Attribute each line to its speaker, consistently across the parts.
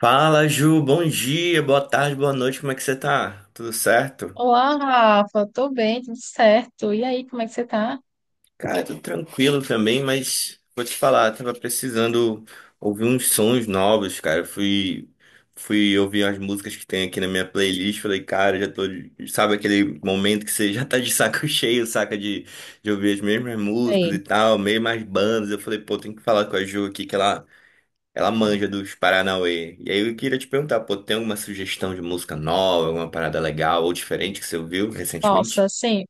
Speaker 1: Fala, Ju. Bom dia, boa tarde, boa noite. Como é que você tá? Tudo certo?
Speaker 2: Olá, Rafa, tô bem, tudo certo. E aí, como é que você tá?
Speaker 1: Cara, tudo tranquilo também, mas vou te falar, tava precisando ouvir uns sons novos, cara. Fui ouvir as músicas que tem aqui na minha playlist. Falei, cara, Sabe aquele momento que você já tá de saco cheio, saca? De ouvir as mesmas músicas e
Speaker 2: Bem.
Speaker 1: tal, mesmas bandas. Eu falei, pô, tem que falar com a Ju aqui, que ela Ela manja dos Paranauê. E aí eu queria te perguntar, pô, tem alguma sugestão de música nova, alguma parada legal ou diferente que você ouviu
Speaker 2: Nossa,
Speaker 1: recentemente?
Speaker 2: assim,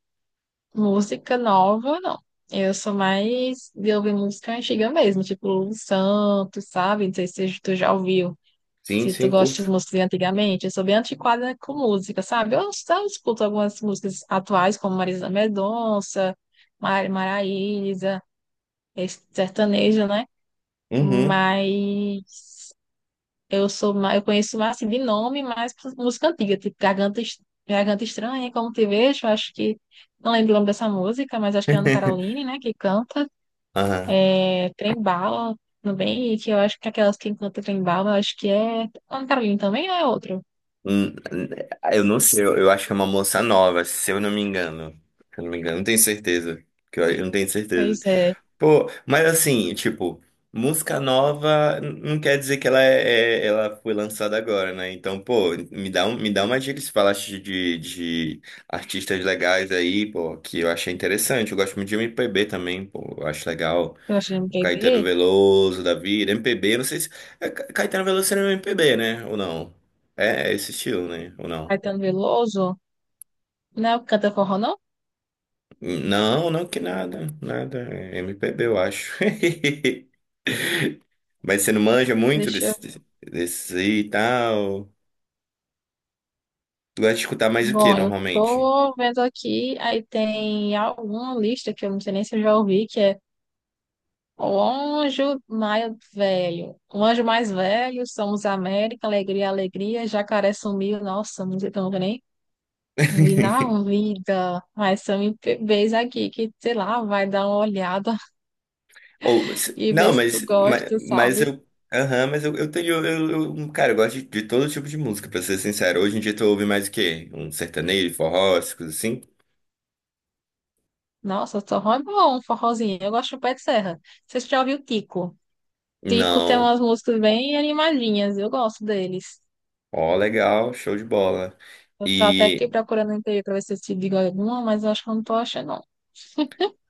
Speaker 2: música nova, não. Eu sou mais de ouvir música antiga mesmo, tipo Lulu Santos, sabe? Não sei se tu já ouviu,
Speaker 1: Sim,
Speaker 2: se tu
Speaker 1: sim,
Speaker 2: gosta de
Speaker 1: curto.
Speaker 2: músicas de antigamente. Eu sou bem antiquada com música, sabe? Eu só escuto algumas músicas atuais, como Marisa Mendonça, Mari Maraíza, esse sertanejo, né?
Speaker 1: Uhum.
Speaker 2: Mas eu sou mais, eu conheço mais assim, de nome, mais música antiga, tipo Garganta, Garganta Estranha, Como Te Vejo, acho que não lembro o nome dessa música, mas acho que é Ana Caroline, né, que canta,
Speaker 1: Aham.
Speaker 2: é Trem Bala também, e que eu acho que aquelas que canta Trem Bala, acho que é Ana Caroline também ou é outro?
Speaker 1: Hum, Eu não sei, eu acho que é uma moça nova, se eu não me engano. Se eu não me engano, não tenho certeza. Que eu não tenho certeza.
Speaker 2: Pois é,
Speaker 1: Pô, mas assim, tipo, música nova não quer dizer que ela ela foi lançada agora, né? Então, pô, me dá uma dica se falaste de artistas legais aí, pô, que eu achei interessante. Eu gosto muito de MPB também, pô, eu acho legal.
Speaker 2: eu acho que não
Speaker 1: O
Speaker 2: quer
Speaker 1: Caetano
Speaker 2: ver,
Speaker 1: Veloso da vida, MPB, não sei se. É, Caetano Veloso seria um MPB, né? Ou não? É, é esse estilo, né? Ou não?
Speaker 2: Caetano Veloso, não é o que canta forró, não?
Speaker 1: Não, não que nada, nada. É MPB, eu acho. Mas você não manja muito
Speaker 2: Deixa eu...
Speaker 1: desses aí e tal. Tu gosta de escutar mais o que
Speaker 2: Bom, eu
Speaker 1: normalmente?
Speaker 2: tô vendo aqui, aí tem alguma lista que eu não sei nem se eu já ouvi, que é O anjo mais velho. O anjo mais velho, somos América, alegria, alegria. Jacaré sumiu, nossa, não sei tão nem vi na vida. Mas são MPBs aqui que, sei lá, vai dar uma olhada
Speaker 1: Ou, se-
Speaker 2: e ver
Speaker 1: não,
Speaker 2: se tu gosta,
Speaker 1: mas
Speaker 2: sabe?
Speaker 1: eu. Aham, eu tenho. Cara, eu gosto de todo tipo de música, pra ser sincero. Hoje em dia tu ouve mais o quê? Um sertanejo, forró, essas coisas assim?
Speaker 2: Nossa, forró é bom, um forrozinho. Eu gosto do Pé de Serra. Vocês já ouviu Tico? Tico tem
Speaker 1: Não.
Speaker 2: umas músicas bem animadinhas, eu gosto deles.
Speaker 1: Ó, legal, show de bola.
Speaker 2: Eu tô até
Speaker 1: E,
Speaker 2: aqui procurando no interior pra ver se eu te digo alguma, mas eu acho que eu não tô achando, não.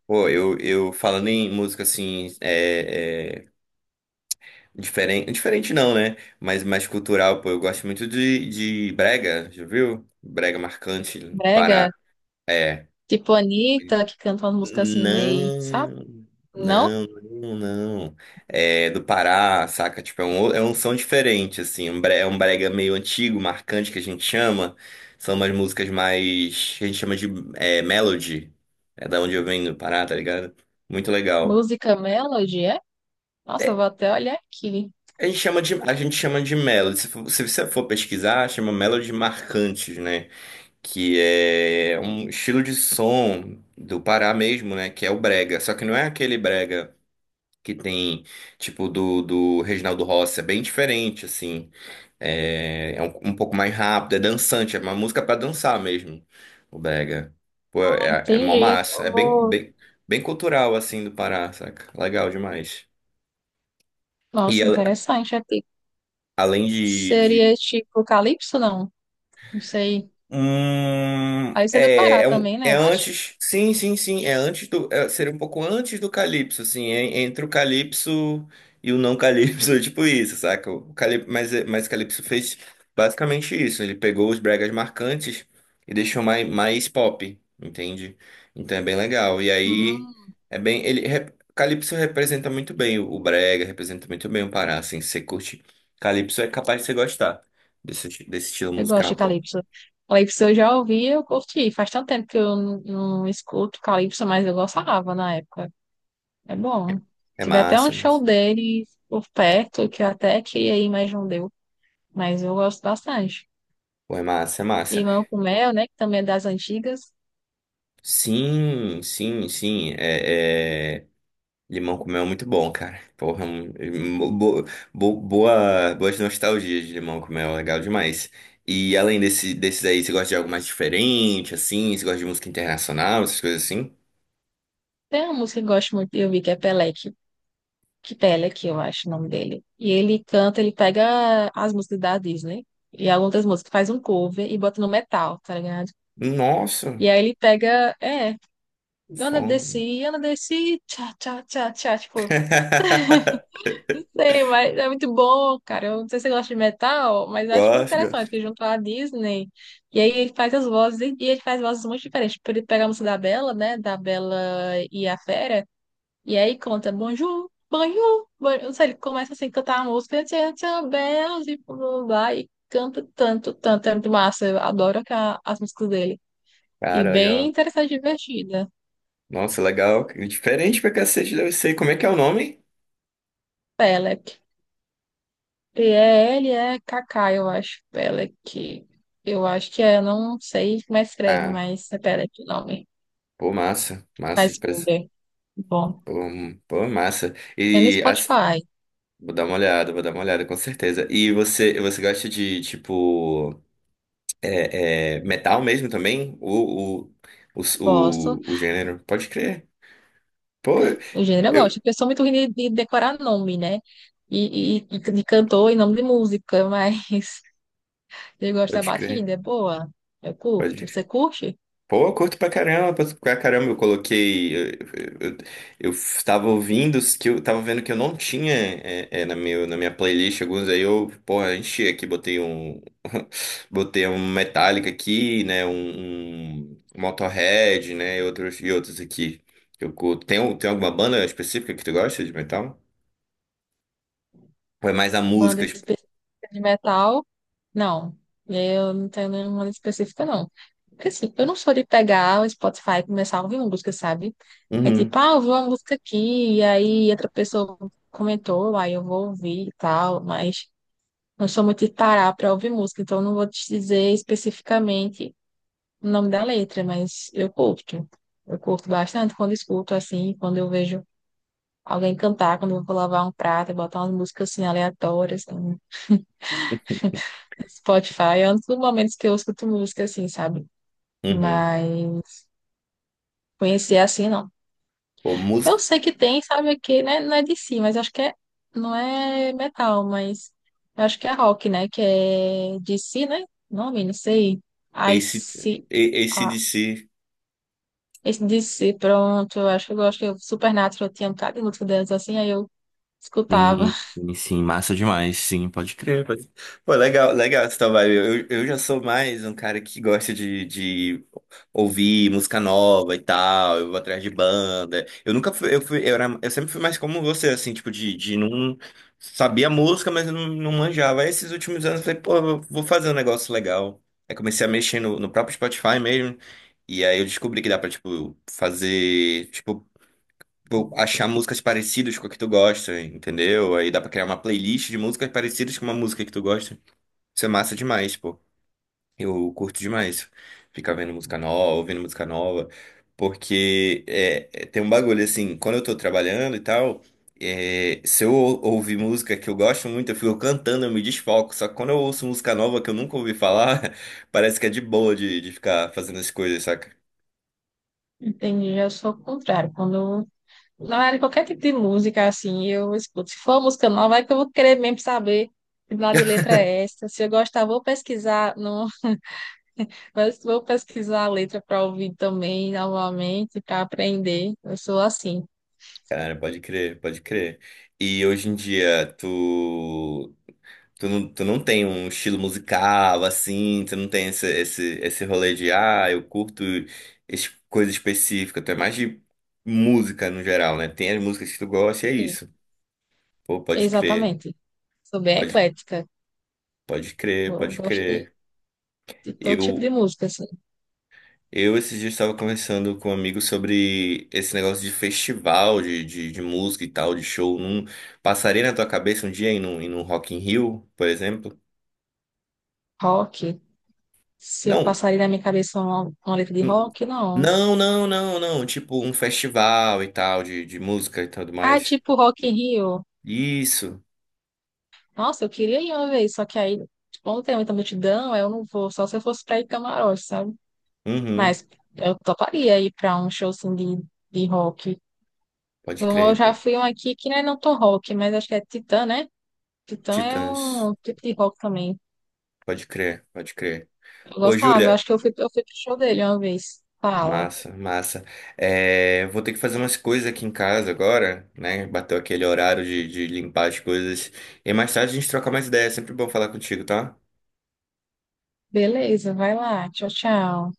Speaker 1: eu falando em música assim, Diferente, diferente não, né? Mas mais cultural, pô. Eu gosto muito de brega, já viu? Brega marcante, Pará.
Speaker 2: Brega,
Speaker 1: É.
Speaker 2: tipo Anitta, que canta umas músicas assim meio, sabe?
Speaker 1: Não,
Speaker 2: Não?
Speaker 1: não, não, não. É do Pará, saca? Tipo, é um som diferente, assim. É um brega meio antigo, marcante, que a gente chama. São umas músicas mais que a gente chama de é, melody. É da onde eu venho, do Pará, tá ligado? Muito legal.
Speaker 2: Música Melody, é? Nossa, eu
Speaker 1: É,
Speaker 2: vou até olhar aqui.
Speaker 1: A gente chama de melody. Se você for pesquisar, chama melody marcantes, né? Que é um estilo de som do Pará mesmo, né? Que é o brega. Só que não é aquele brega que tem, tipo, do Reginaldo Rossi. É bem diferente, assim. É, é um, um pouco mais rápido, é dançante. É uma música pra dançar mesmo, o brega. Pô,
Speaker 2: Ah,
Speaker 1: é, é mó
Speaker 2: entendi, eu
Speaker 1: massa.
Speaker 2: tô...
Speaker 1: Bem cultural, assim, do Pará, saca? Legal demais. E
Speaker 2: Nossa,
Speaker 1: a-
Speaker 2: interessante. É tipo...
Speaker 1: além
Speaker 2: Seria
Speaker 1: de,
Speaker 2: tipo Calypso, não? Não sei. Aí você é do Pará também, né?
Speaker 1: É
Speaker 2: Eu acho.
Speaker 1: antes. Sim, sim, sim. Seria um pouco antes do Calypso, assim. É entre o Calypso e o não Calypso, é tipo isso, saca? O Calyp- mas, é- mas o Calypso fez basicamente isso. Ele pegou os bregas marcantes e deixou mais pop, entende? Então é bem legal. E aí
Speaker 2: Hum,
Speaker 1: é bem. Ele, rep- Calypso representa muito bem o brega, representa muito bem o Pará, assim. Se você curte Calypso, é capaz de você gostar desse estilo
Speaker 2: eu gosto
Speaker 1: musical,
Speaker 2: de
Speaker 1: pô.
Speaker 2: Calypso. Calypso eu já ouvi, eu curti. Faz tanto tempo que eu não escuto Calypso, mas eu gostava na época. É bom.
Speaker 1: É
Speaker 2: Tive até um
Speaker 1: massa,
Speaker 2: show
Speaker 1: mas...
Speaker 2: dele por perto, que eu até queria ir, mas não deu. Mas eu gosto bastante.
Speaker 1: Pô, é massa, é massa.
Speaker 2: Limão com mel, né? Que também é das antigas.
Speaker 1: Sim, sim, sim. É, é... Limão com mel é muito bom, cara. Porra, boas nostalgias de limão com mel, legal demais. E além desse, desses aí, você gosta de algo mais diferente, assim? Você gosta de música internacional, essas coisas assim?
Speaker 2: Tem uma música que eu gosto muito, eu vi que é Pelec, que Pelec, eu acho o nome dele. E ele canta, ele pega as músicas da Disney e algumas músicas, faz um cover e bota no metal, tá ligado?
Speaker 1: Nossa,
Speaker 2: E aí ele pega, é, Ana
Speaker 1: fome.
Speaker 2: Desci, Ana Desci, tchá, tchá, tchá, tchá, tipo, sei, mas é muito bom, cara. Eu não sei se você gosta de metal, mas eu acho muito
Speaker 1: Gosto,
Speaker 2: interessante
Speaker 1: gosto.
Speaker 2: que junto à Disney. E aí ele faz as vozes, e ele faz vozes muito diferentes. Tipo, ele pega a música da Bela, né? Da Bela e a Fera. E aí conta bonjour, bonjour, bonjour. Não sei, ele começa assim a cantar a música, tchan, tchan, bells, e blá, blá, blá, e canta tanto, tanto, é muito massa. Eu adoro as músicas dele. E
Speaker 1: Cara,
Speaker 2: bem
Speaker 1: legal.
Speaker 2: interessante e divertida.
Speaker 1: Nossa, legal. Diferente pra cacete, deve ser. Como é que é o nome?
Speaker 2: Pelec. PELEKK, eu acho. Pelec. Eu acho que é, não sei como é que escreve,
Speaker 1: Ah,
Speaker 2: mas é Pelec o nome.
Speaker 1: pô, massa. Massa de
Speaker 2: Faz Google. Bom.
Speaker 1: Pô, massa.
Speaker 2: Tem no
Speaker 1: E assim,
Speaker 2: Spotify.
Speaker 1: vou dar uma olhada, vou dar uma olhada, com certeza. Você gosta de, tipo, metal mesmo também?
Speaker 2: Gosto.
Speaker 1: O gênero? Pode crer. Pô,
Speaker 2: O gênero eu gosto,
Speaker 1: eu.
Speaker 2: porque eu sou muito ruim de decorar nome, né? E de cantor e nome de música, mas eu gosto da
Speaker 1: Pode crer.
Speaker 2: batida, é boa. Eu curto.
Speaker 1: Pode.
Speaker 2: Você curte?
Speaker 1: Pô, eu curto pra caramba, pra caramba, eu coloquei. Eu, eu tava ouvindo os que eu tava vendo que eu não tinha na minha playlist alguns, aí eu, porra, enchi aqui, botei um. Botei um Metallica aqui, né? Um Motorhead, né? E outros aqui que eu curto. Tem alguma banda específica que tu gosta de metal? Ou é mais a
Speaker 2: Banda
Speaker 1: música? Tipo?
Speaker 2: específica de metal? Não. Eu não tenho nenhuma específica, não. Porque assim, eu não sou de pegar o Spotify e começar a ouvir uma música, sabe? É
Speaker 1: Uhum,
Speaker 2: tipo, ah, eu vou uma música aqui, e aí outra pessoa comentou, aí eu vou ouvir e tal, mas não sou muito de parar pra ouvir música, então eu não vou te dizer especificamente o nome da letra, mas eu curto. Eu curto bastante quando escuto assim, quando eu vejo alguém cantar, quando eu vou lavar um prato, eu botar umas músicas assim aleatórias no Spotify, é um dos momentos que eu escuto música assim, sabe?
Speaker 1: uhum.
Speaker 2: Mas conhecer assim não.
Speaker 1: Pô,
Speaker 2: Eu
Speaker 1: música.
Speaker 2: sei que tem, sabe, aqui, né? Não é de si, mas acho que é, não é metal, mas eu acho que é rock, né? Que é de si, né? Nome, não sei. I
Speaker 1: AC,
Speaker 2: see.
Speaker 1: AC/DC.
Speaker 2: Esse DC, pronto, eu acho que eu gosto, que eu Supernatural eu tinha um bocado de música delas assim, aí eu escutava.
Speaker 1: Sim, sim, sim, massa demais, sim, pode crer. Pode... Legal essa tua. Eu já sou mais um cara que gosta de ouvir música nova e tal, eu vou atrás de banda. Eu nunca fui, eu fui, eu era, eu sempre fui mais como você, assim, tipo, de não sabia a música, mas eu não, não manjava. Aí, esses últimos anos eu falei, pô, eu vou fazer um negócio legal. Aí comecei a mexer no próprio Spotify mesmo. E aí eu descobri que dá pra, tipo, fazer, achar músicas parecidas com a que tu gosta, entendeu? Aí dá pra criar uma playlist de músicas parecidas com uma música que tu gosta. Isso é massa demais, pô. Eu curto demais ficar vendo música nova, ouvindo música nova, porque tem um bagulho assim, quando eu tô trabalhando e tal, é, se eu ou- ouvir música que eu gosto muito, eu fico cantando, eu me desfoco. Só que quando eu ouço música nova que eu nunca ouvi falar, parece que é de boa de ficar fazendo as coisas, saca?
Speaker 2: Entendi, eu sou o contrário. Quando não era qualquer tipo de música assim, eu escuto. Se for música nova, é que eu vou querer mesmo saber de lado de letra é essa. Se eu gostar, vou pesquisar, não, mas vou pesquisar a letra para ouvir também novamente, para aprender. Eu sou assim.
Speaker 1: Cara, pode crer, pode crer. E hoje em dia, tu. Tu não tem um estilo musical assim, tu não tem esse rolê de, ah, eu curto coisa específica, tu é mais de música no geral, né? Tem as músicas que tu gosta e é
Speaker 2: Sim.
Speaker 1: isso. Pô, pode crer,
Speaker 2: Exatamente. Sou bem
Speaker 1: pode,
Speaker 2: eclética.
Speaker 1: pode crer,
Speaker 2: Eu
Speaker 1: pode
Speaker 2: gostei
Speaker 1: crer.
Speaker 2: de todo tipo de
Speaker 1: Eu,
Speaker 2: música, assim.
Speaker 1: eu esses dias estava conversando com um amigo sobre esse negócio de festival, de música e tal, de show. Não passaria na tua cabeça um dia ir num Rock in Rio, por exemplo?
Speaker 2: Rock, se eu
Speaker 1: Não,
Speaker 2: passaria na minha cabeça uma letra de
Speaker 1: Um-
Speaker 2: rock, não.
Speaker 1: Não, não, não, não. Tipo um festival e tal, de música e tudo
Speaker 2: Ah,
Speaker 1: mais.
Speaker 2: tipo Rock in Rio.
Speaker 1: Isso.
Speaker 2: Nossa, eu queria ir uma vez, só que aí, como tem muita multidão, aí eu não vou, só se eu fosse pra ir camarote, sabe?
Speaker 1: Uhum.
Speaker 2: Mas eu toparia ir pra um show, assim, de rock.
Speaker 1: Pode
Speaker 2: Eu
Speaker 1: crer.
Speaker 2: já
Speaker 1: pode-
Speaker 2: fui um aqui que não é não tão rock, mas acho que é Titã, né? Titã é
Speaker 1: Titãs.
Speaker 2: um tipo de rock também.
Speaker 1: Pode crer, pode crer.
Speaker 2: Eu
Speaker 1: Ô,
Speaker 2: gostava, eu
Speaker 1: Júlia.
Speaker 2: acho que eu fui, pro show dele uma vez. Fala.
Speaker 1: Massa, massa. É, vou ter que fazer umas coisas aqui em casa agora, né? Bateu aquele horário de limpar as coisas. E mais tarde a gente troca mais ideias. É sempre bom falar contigo, tá?
Speaker 2: Beleza, vai lá. Tchau, tchau.